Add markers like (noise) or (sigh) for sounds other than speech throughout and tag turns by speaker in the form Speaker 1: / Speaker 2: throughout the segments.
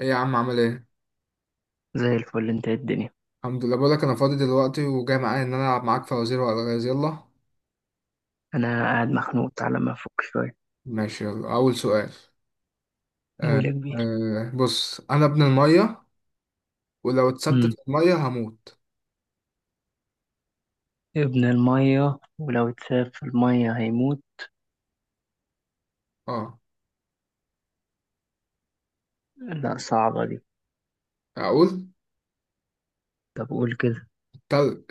Speaker 1: ايه يا عم، عامل ايه؟
Speaker 2: زي الفل. انت ايه الدنيا؟
Speaker 1: الحمد لله، بقولك انا فاضي دلوقتي وجاي معايا ان انا العب معاك فوازير والغاز، يلا.
Speaker 2: انا قاعد مخنوق، تعالى ما افك شويه.
Speaker 1: ماشي، يلا اول سؤال. آه.
Speaker 2: قول يا كبير.
Speaker 1: آه، بص انا ابن الميه، ولو اتثبت
Speaker 2: امم
Speaker 1: في الميه هموت.
Speaker 2: ابن الميه ولو اتساب في الميه هيموت،
Speaker 1: اه،
Speaker 2: لا صعبه دي.
Speaker 1: اقول:
Speaker 2: طب قول كده.
Speaker 1: تلج.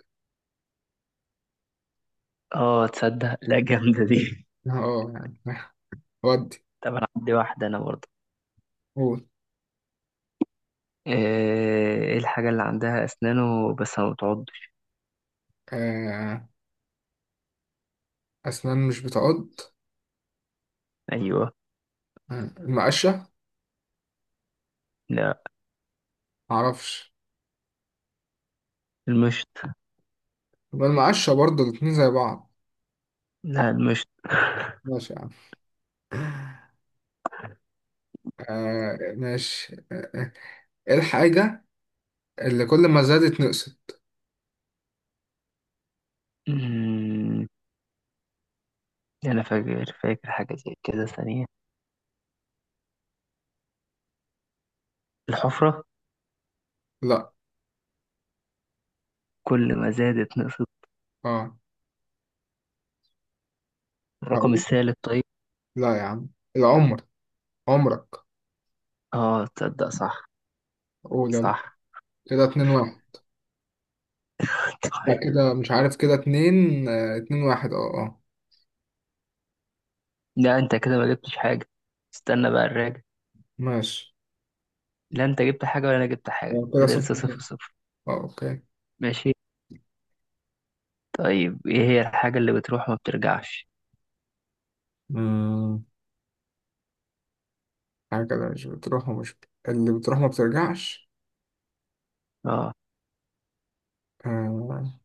Speaker 2: اه تصدق، لا جامده دي.
Speaker 1: اه يعني. (laughs) ودي.
Speaker 2: (laughs) طب انا عندي واحده انا برضه.
Speaker 1: قول.
Speaker 2: ايه ايه الحاجه اللي عندها اسنانه بس ما بتعضش؟
Speaker 1: آه. اسنان مش بتعض.
Speaker 2: ايوه.
Speaker 1: آه. المقشه.
Speaker 2: لا
Speaker 1: معرفش.
Speaker 2: المشط.
Speaker 1: يبقى المقشه برضه، الاتنين زي بعض.
Speaker 2: لا المشط.
Speaker 1: ماشي يا عم. آه، ماشي. آه. آه. ايه الحاجه اللي كل ما زادت نقصت؟
Speaker 2: امم انا فاكر حاجه زي كده ثانيه. الحفره
Speaker 1: لا.
Speaker 2: كل ما زادت نقصت.
Speaker 1: اه.
Speaker 2: الرقم الثالث طيب.
Speaker 1: لا يا عم. العمر. عمرك.
Speaker 2: اه تصدق صح.
Speaker 1: قول يلا.
Speaker 2: صح.
Speaker 1: كده 2-1. لا،
Speaker 2: طيب
Speaker 1: كده مش عارف، كده اتنين، 2-1، اه اه.
Speaker 2: لا انت كده ما جبتش حاجة. استنى بقى الراجع.
Speaker 1: ماشي.
Speaker 2: لا انت جبت حاجة ولا انا جبت حاجة
Speaker 1: آه، كده
Speaker 2: كده،
Speaker 1: صفر
Speaker 2: لسه صفر
Speaker 1: صفر.
Speaker 2: صفر.
Speaker 1: اه، اوكي.
Speaker 2: ماشي. طيب ايه هي الحاجة اللي بتروح وما بترجعش؟
Speaker 1: مم. حاجة كده مش بتروح، ومش اللي بتروح ما بترجعش.
Speaker 2: اه
Speaker 1: آه.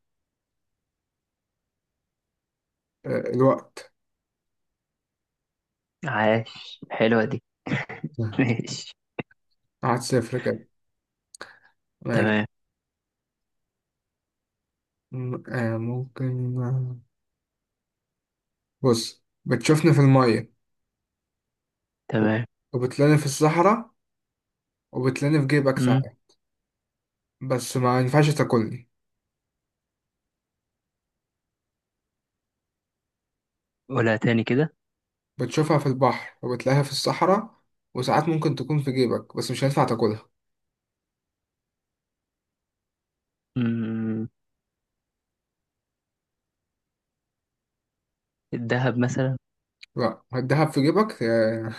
Speaker 1: الوقت.
Speaker 2: عاش، حلوة دي. (laughs)
Speaker 1: لا،
Speaker 2: ماشي.
Speaker 1: قعد صفر كده. ماشي.
Speaker 2: تمام.
Speaker 1: ممكن. بص بتشوفني في المية، وب-
Speaker 2: تمام.
Speaker 1: وبتلاقيني في الصحراء، وبتلاقيني في جيبك ساعة،
Speaker 2: امم
Speaker 1: بس ما ينفعش تاكلني.
Speaker 2: قولها تاني كده.
Speaker 1: بتشوفها في البحر وبتلاقيها في الصحراء، وساعات ممكن تكون في جيبك بس مش هينفع تاكلها.
Speaker 2: امم الذهب مثلا.
Speaker 1: لا، الدهب في جيبك.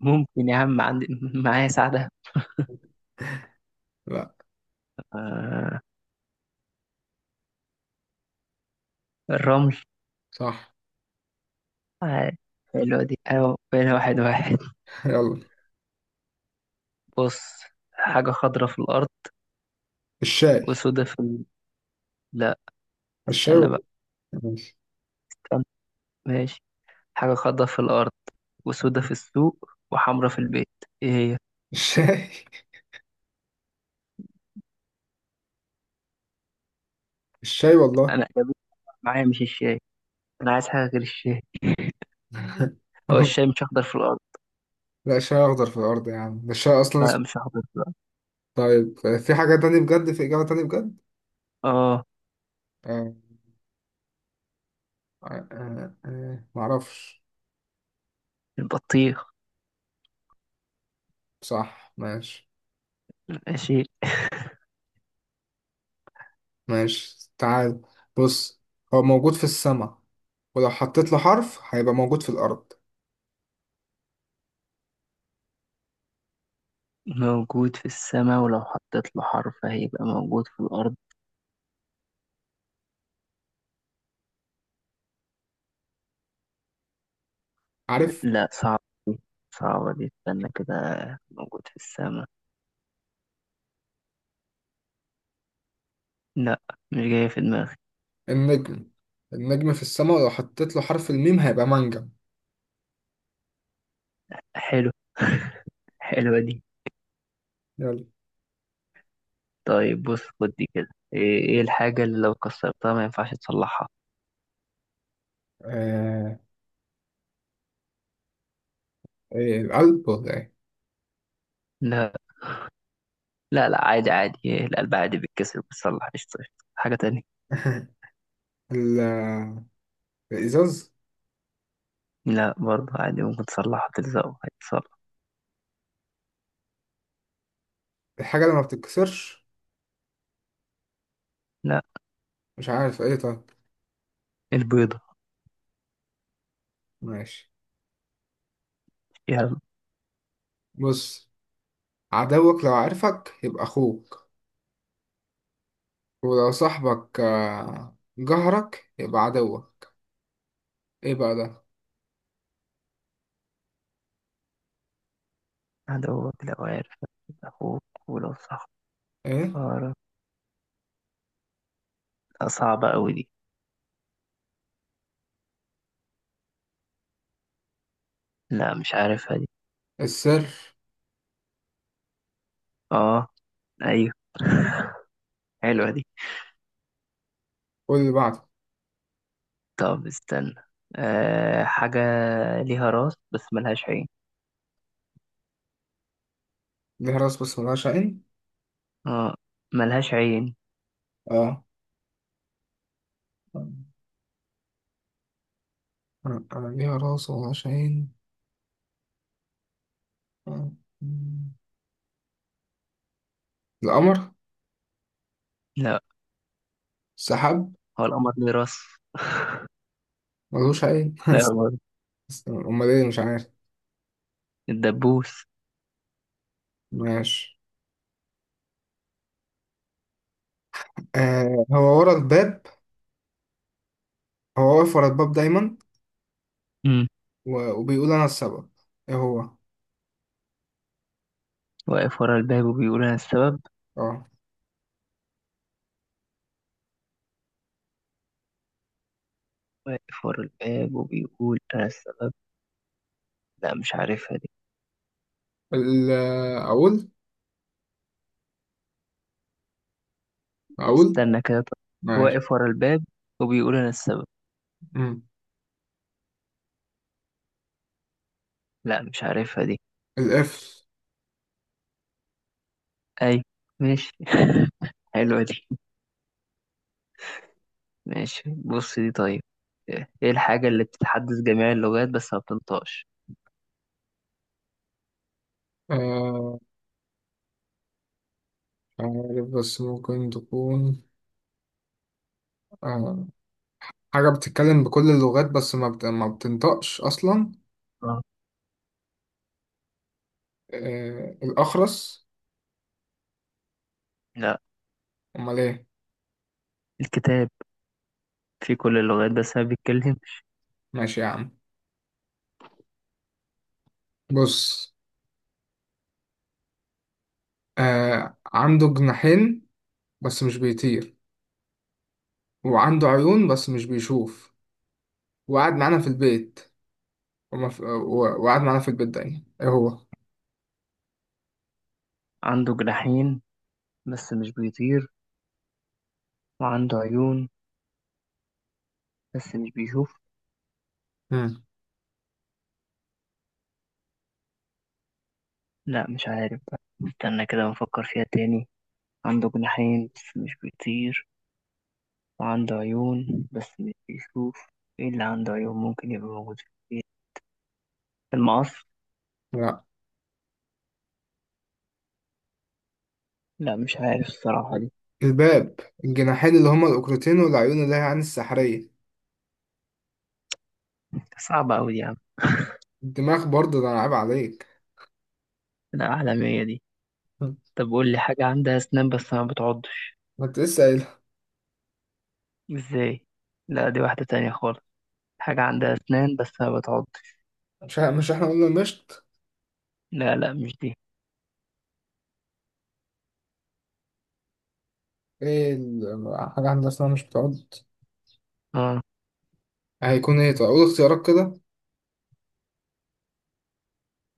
Speaker 2: ممكن يا عم، عندي (laughs) معايا ساعدة.
Speaker 1: لا.
Speaker 2: آه. الرمل.
Speaker 1: صح.
Speaker 2: عاش حلوة دي، ايوه بقينا واحد واحد.
Speaker 1: (laughs) يلا.
Speaker 2: بص، حاجة خضرة في الأرض
Speaker 1: الشاي.
Speaker 2: وسودة في ال... لا
Speaker 1: الشاي
Speaker 2: استنى بقى.
Speaker 1: والله. ماشي.
Speaker 2: ماشي. حاجة خضراء في الأرض وسودة في السوق وحمرا في البيت، إيه هي؟
Speaker 1: الشاي. (laughs) الشاي والله.
Speaker 2: أنا (laughs) جابت معايا مش الشاي. أنا عايز حاجة غير الشاي. هو
Speaker 1: (laughs)
Speaker 2: الشاي مش أخضر في الأرض؟
Speaker 1: لا، الشاي اخضر في الارض يا عم، ده الشاي اصلا
Speaker 2: لا
Speaker 1: اسمه.
Speaker 2: مش أخضر في الأرض.
Speaker 1: طيب. في حاجة تانية بجد، في اجابة تانية بجد.
Speaker 2: آه
Speaker 1: آه. معرفش.
Speaker 2: البطيخ.
Speaker 1: صح، ماشي.
Speaker 2: ماشي.
Speaker 1: ماشي، تعال، بص، هو موجود في السماء، ولو حطيت له حرف هيبقى موجود في الارض.
Speaker 2: موجود في السماء ولو حطيت له حرف هيبقى موجود في الأرض.
Speaker 1: عارف.
Speaker 2: لا صعب، دي، صعبة دي استنى كده. موجود في السماء، لا مش جاية في دماغي.
Speaker 1: النجم. النجم في السماء، لو حطيت له حرف الميم هيبقى منجم.
Speaker 2: حلو (laughs) حلوة دي.
Speaker 1: يلا.
Speaker 2: طيب بص خد دي كده. ايه إيه الحاجة اللي لو كسرتها ما ينفعش تصلحها؟
Speaker 1: آه... إيه، القلب ولا ايه؟
Speaker 2: لا لا لا عادي عادي، إيه، القلب عادي بيتكسر بتصلح قشطة قشطة، حاجة تانية.
Speaker 1: (laughs) ال- الازاز.
Speaker 2: لا برضه عادي ممكن تصلحها، تلزقه هيتصلح.
Speaker 1: الحاجة اللي ما بتتكسرش.
Speaker 2: لا
Speaker 1: مش عارف ايه، طيب.
Speaker 2: البيضة.
Speaker 1: ماشي،
Speaker 2: يلا.
Speaker 1: بص. عدوك لو عارفك يبقى اخوك، ولو صاحبك جهرك يبقى عدوك. ايه بقى ده؟
Speaker 2: عدوك لو عارف أخوك، ولو صح.
Speaker 1: ايه.
Speaker 2: لا صعبة أوي دي. لا مش عارفها دي.
Speaker 1: السر.
Speaker 2: اه. أيوه (laughs) حلوة دي.
Speaker 1: قول اللي بعده.
Speaker 2: طب استنى. أه حاجة ليها راس بس ملهاش عين.
Speaker 1: ليها راس بس ملهاش عين.
Speaker 2: اه ملهاش عين.
Speaker 1: اه. آه، ليها راس وملهاش عين. آه. القمر.
Speaker 2: لا،
Speaker 1: السحاب.
Speaker 2: هو القمر ليه راس؟
Speaker 1: ملوش أي.
Speaker 2: لا برضه.
Speaker 1: (laughs) أمال إيه؟ مش عارف.
Speaker 2: الدبوس.
Speaker 1: ماشي. هو ورا الباب، هو واقف ورا الباب دايما،
Speaker 2: مم.
Speaker 1: وبيقول أنا السبب، إيه هو؟
Speaker 2: واقف ورا الباب وبيقول أنا السبب.
Speaker 1: أه.
Speaker 2: واقف ورا الباب وبيقول أنا السبب. لا مش عارفها دي.
Speaker 1: ال- أقول أقول.
Speaker 2: استنى كده طب.
Speaker 1: ماشي.
Speaker 2: واقف ورا الباب وبيقول أنا السبب.
Speaker 1: مم.
Speaker 2: لا مش عارفها دي.
Speaker 1: القفل.
Speaker 2: أي ماشي (laughs) حلوة دي. ماشي بص، دي طيب. إيه الحاجة اللي بتتحدث جميع اللغات بس ما بتنطقش؟
Speaker 1: آه مش عارف، بس ممكن تكون. آه حاجة بتتكلم بكل اللغات، بس ما بتنطقش أصلا.
Speaker 2: آه.
Speaker 1: الأخرس.
Speaker 2: لا
Speaker 1: أمال إيه؟
Speaker 2: الكتاب، في كل اللغات بس ما بيتكلم.
Speaker 1: ماشي يا عم، بص. عنده جناحين بس مش بيطير، وعنده عيون بس مش بيشوف، وقعد معانا في البيت، وقعد معانا في البيت، ده يعني ايه هو؟
Speaker 2: عنده جناحين بس مش بيطير، وعنده عيون بس مش بيشوف.
Speaker 1: مم.
Speaker 2: لا مش عارف بقى. استنى كده بفكر فيها تاني. عنده جناحين بس مش بيطير وعنده عيون بس مش بيشوف. ايه اللي عنده عيون ممكن يبقى موجود؟ المقص.
Speaker 1: لا،
Speaker 2: لا مش عارف الصراحة دي.
Speaker 1: الباب، الجناحين اللي هما الأوكرتين والعيون اللي هي عين السحرية.
Speaker 2: صعبة أوي دي يا عم.
Speaker 1: الدماغ برضه، ده أنا عيب عليك.
Speaker 2: لا عالمية دي.
Speaker 1: مم.
Speaker 2: طب قول لي حاجة عندها أسنان بس ما بتعضش.
Speaker 1: ما انت لسه قايلها.
Speaker 2: ازاي؟ لا دي واحدة تانية خالص. حاجة عندها أسنان بس ما بتعضش.
Speaker 1: مش احنا قلنا المشط.
Speaker 2: لا لا مش دي.
Speaker 1: ايه حاجة عندها اسنان مش بتعض؟
Speaker 2: اه.
Speaker 1: هيكون ايه طيب؟ أقول اختيارات كده.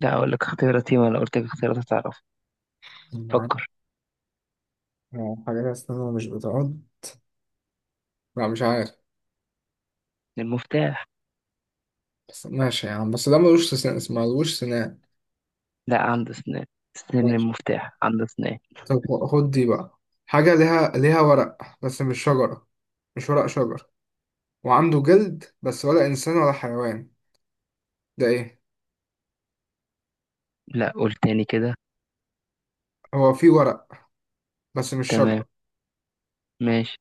Speaker 2: لا أقول لك اختياراتي ولا قلت لك اختيارات هتعرف.
Speaker 1: مم، عارف.
Speaker 2: فكر.
Speaker 1: حاجة لها اسنان مش بتعض. لا مش عارف.
Speaker 2: المفتاح.
Speaker 1: بس ماشي يا عم، بس ده ملوش سنان، اسمه ملوش سنان.
Speaker 2: لا عنده أسنان، أسنان المفتاح، عنده أسنان.
Speaker 1: طب خد دي بقى. حاجة ليها ورق بس مش شجرة، مش ورق شجر، وعنده جلد بس ولا إنسان ولا حيوان، ده إيه؟
Speaker 2: لا قول تاني كده.
Speaker 1: هو فيه ورق بس مش
Speaker 2: تمام.
Speaker 1: شجرة،
Speaker 2: ماشي.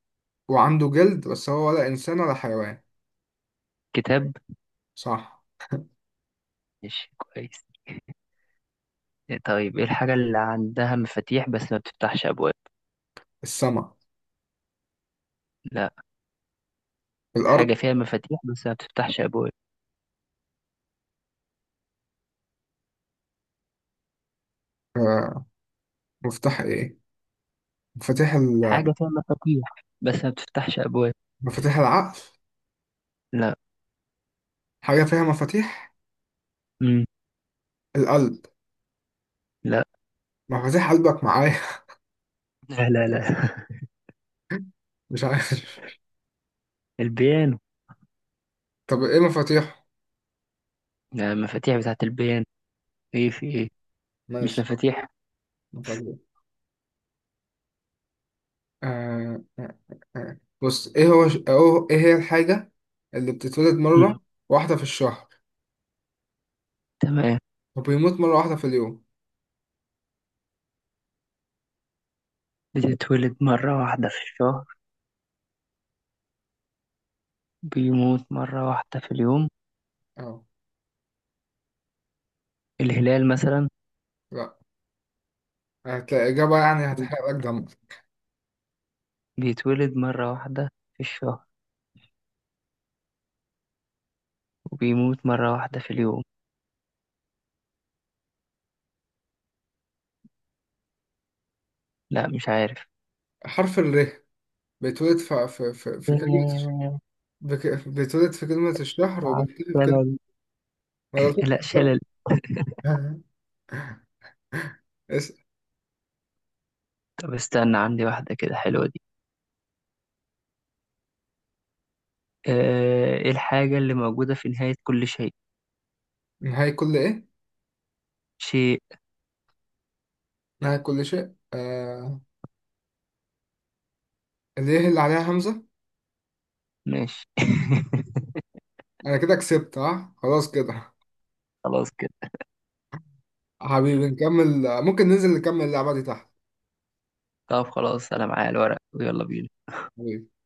Speaker 1: وعنده جلد بس هو ولا إنسان ولا حيوان.
Speaker 2: كتاب.
Speaker 1: صح.
Speaker 2: ماشي كويس. طيب ايه الحاجة اللي عندها مفاتيح بس ما بتفتحش أبواب؟
Speaker 1: السما.
Speaker 2: لا.
Speaker 1: الأرض.
Speaker 2: حاجة فيها مفاتيح بس ما بتفتحش أبواب.
Speaker 1: آه، مفتاح إيه؟ مفاتيح ال...
Speaker 2: حاجة فيها مفاتيح بس ما بتفتحش أبواب.
Speaker 1: مفاتيح العقل.
Speaker 2: لا.
Speaker 1: حاجة فيها مفاتيح.
Speaker 2: مم.
Speaker 1: القلب.
Speaker 2: لا
Speaker 1: مفاتيح قلبك معايا. (laughs)
Speaker 2: لا لا لا (laughs)
Speaker 1: مش عارف.
Speaker 2: البيانو.
Speaker 1: طب إيه مفاتيح؟
Speaker 2: لا المفاتيح بتاعت البيانو. ايه في ايه. مش
Speaker 1: ماشي.
Speaker 2: مفاتيح.
Speaker 1: مفاتيح. بص، ايه هو ايه هي الحاجة اللي بتتولد
Speaker 2: مم.
Speaker 1: مرة واحدة في الشهر،
Speaker 2: تمام.
Speaker 1: وبيموت مرة واحدة في اليوم؟
Speaker 2: بتتولد مرة واحدة في الشهر، بيموت مرة واحدة في اليوم.
Speaker 1: اه.
Speaker 2: الهلال مثلا.
Speaker 1: لا. هتلاقي إجابة يعني هتحرق لك دمك.
Speaker 2: بيتولد مرة واحدة في الشهر وبيموت مرة واحدة في اليوم. لا مش عارف.
Speaker 1: حرف الر. بيتولد في في في, في كلمة الش- بيتولد في كلمة الشهر،
Speaker 2: مع
Speaker 1: وبيختفي في كلمة...
Speaker 2: السلامة.
Speaker 1: ما
Speaker 2: لا
Speaker 1: قلتلكش.
Speaker 2: شلل.
Speaker 1: (laughs) اسأل.
Speaker 2: طب استنى، عندي واحدة كده حلوة دي. آه، ايه الحاجة اللي موجودة في نهاية كل شيء؟
Speaker 1: نهاية كل ايه؟
Speaker 2: شيء.
Speaker 1: نهاية كل شيء، اللي هي اللي عليها همزة.
Speaker 2: ماشي (laughs)
Speaker 1: انا كده كسبت، ها، خلاص كده.
Speaker 2: خلاص كده.
Speaker 1: حبيبي، نكمل، ممكن ننزل نكمل اللعبة دي تحت.
Speaker 2: طب خلاص انا معايا الورق ويلا بينا.
Speaker 1: حبيبي.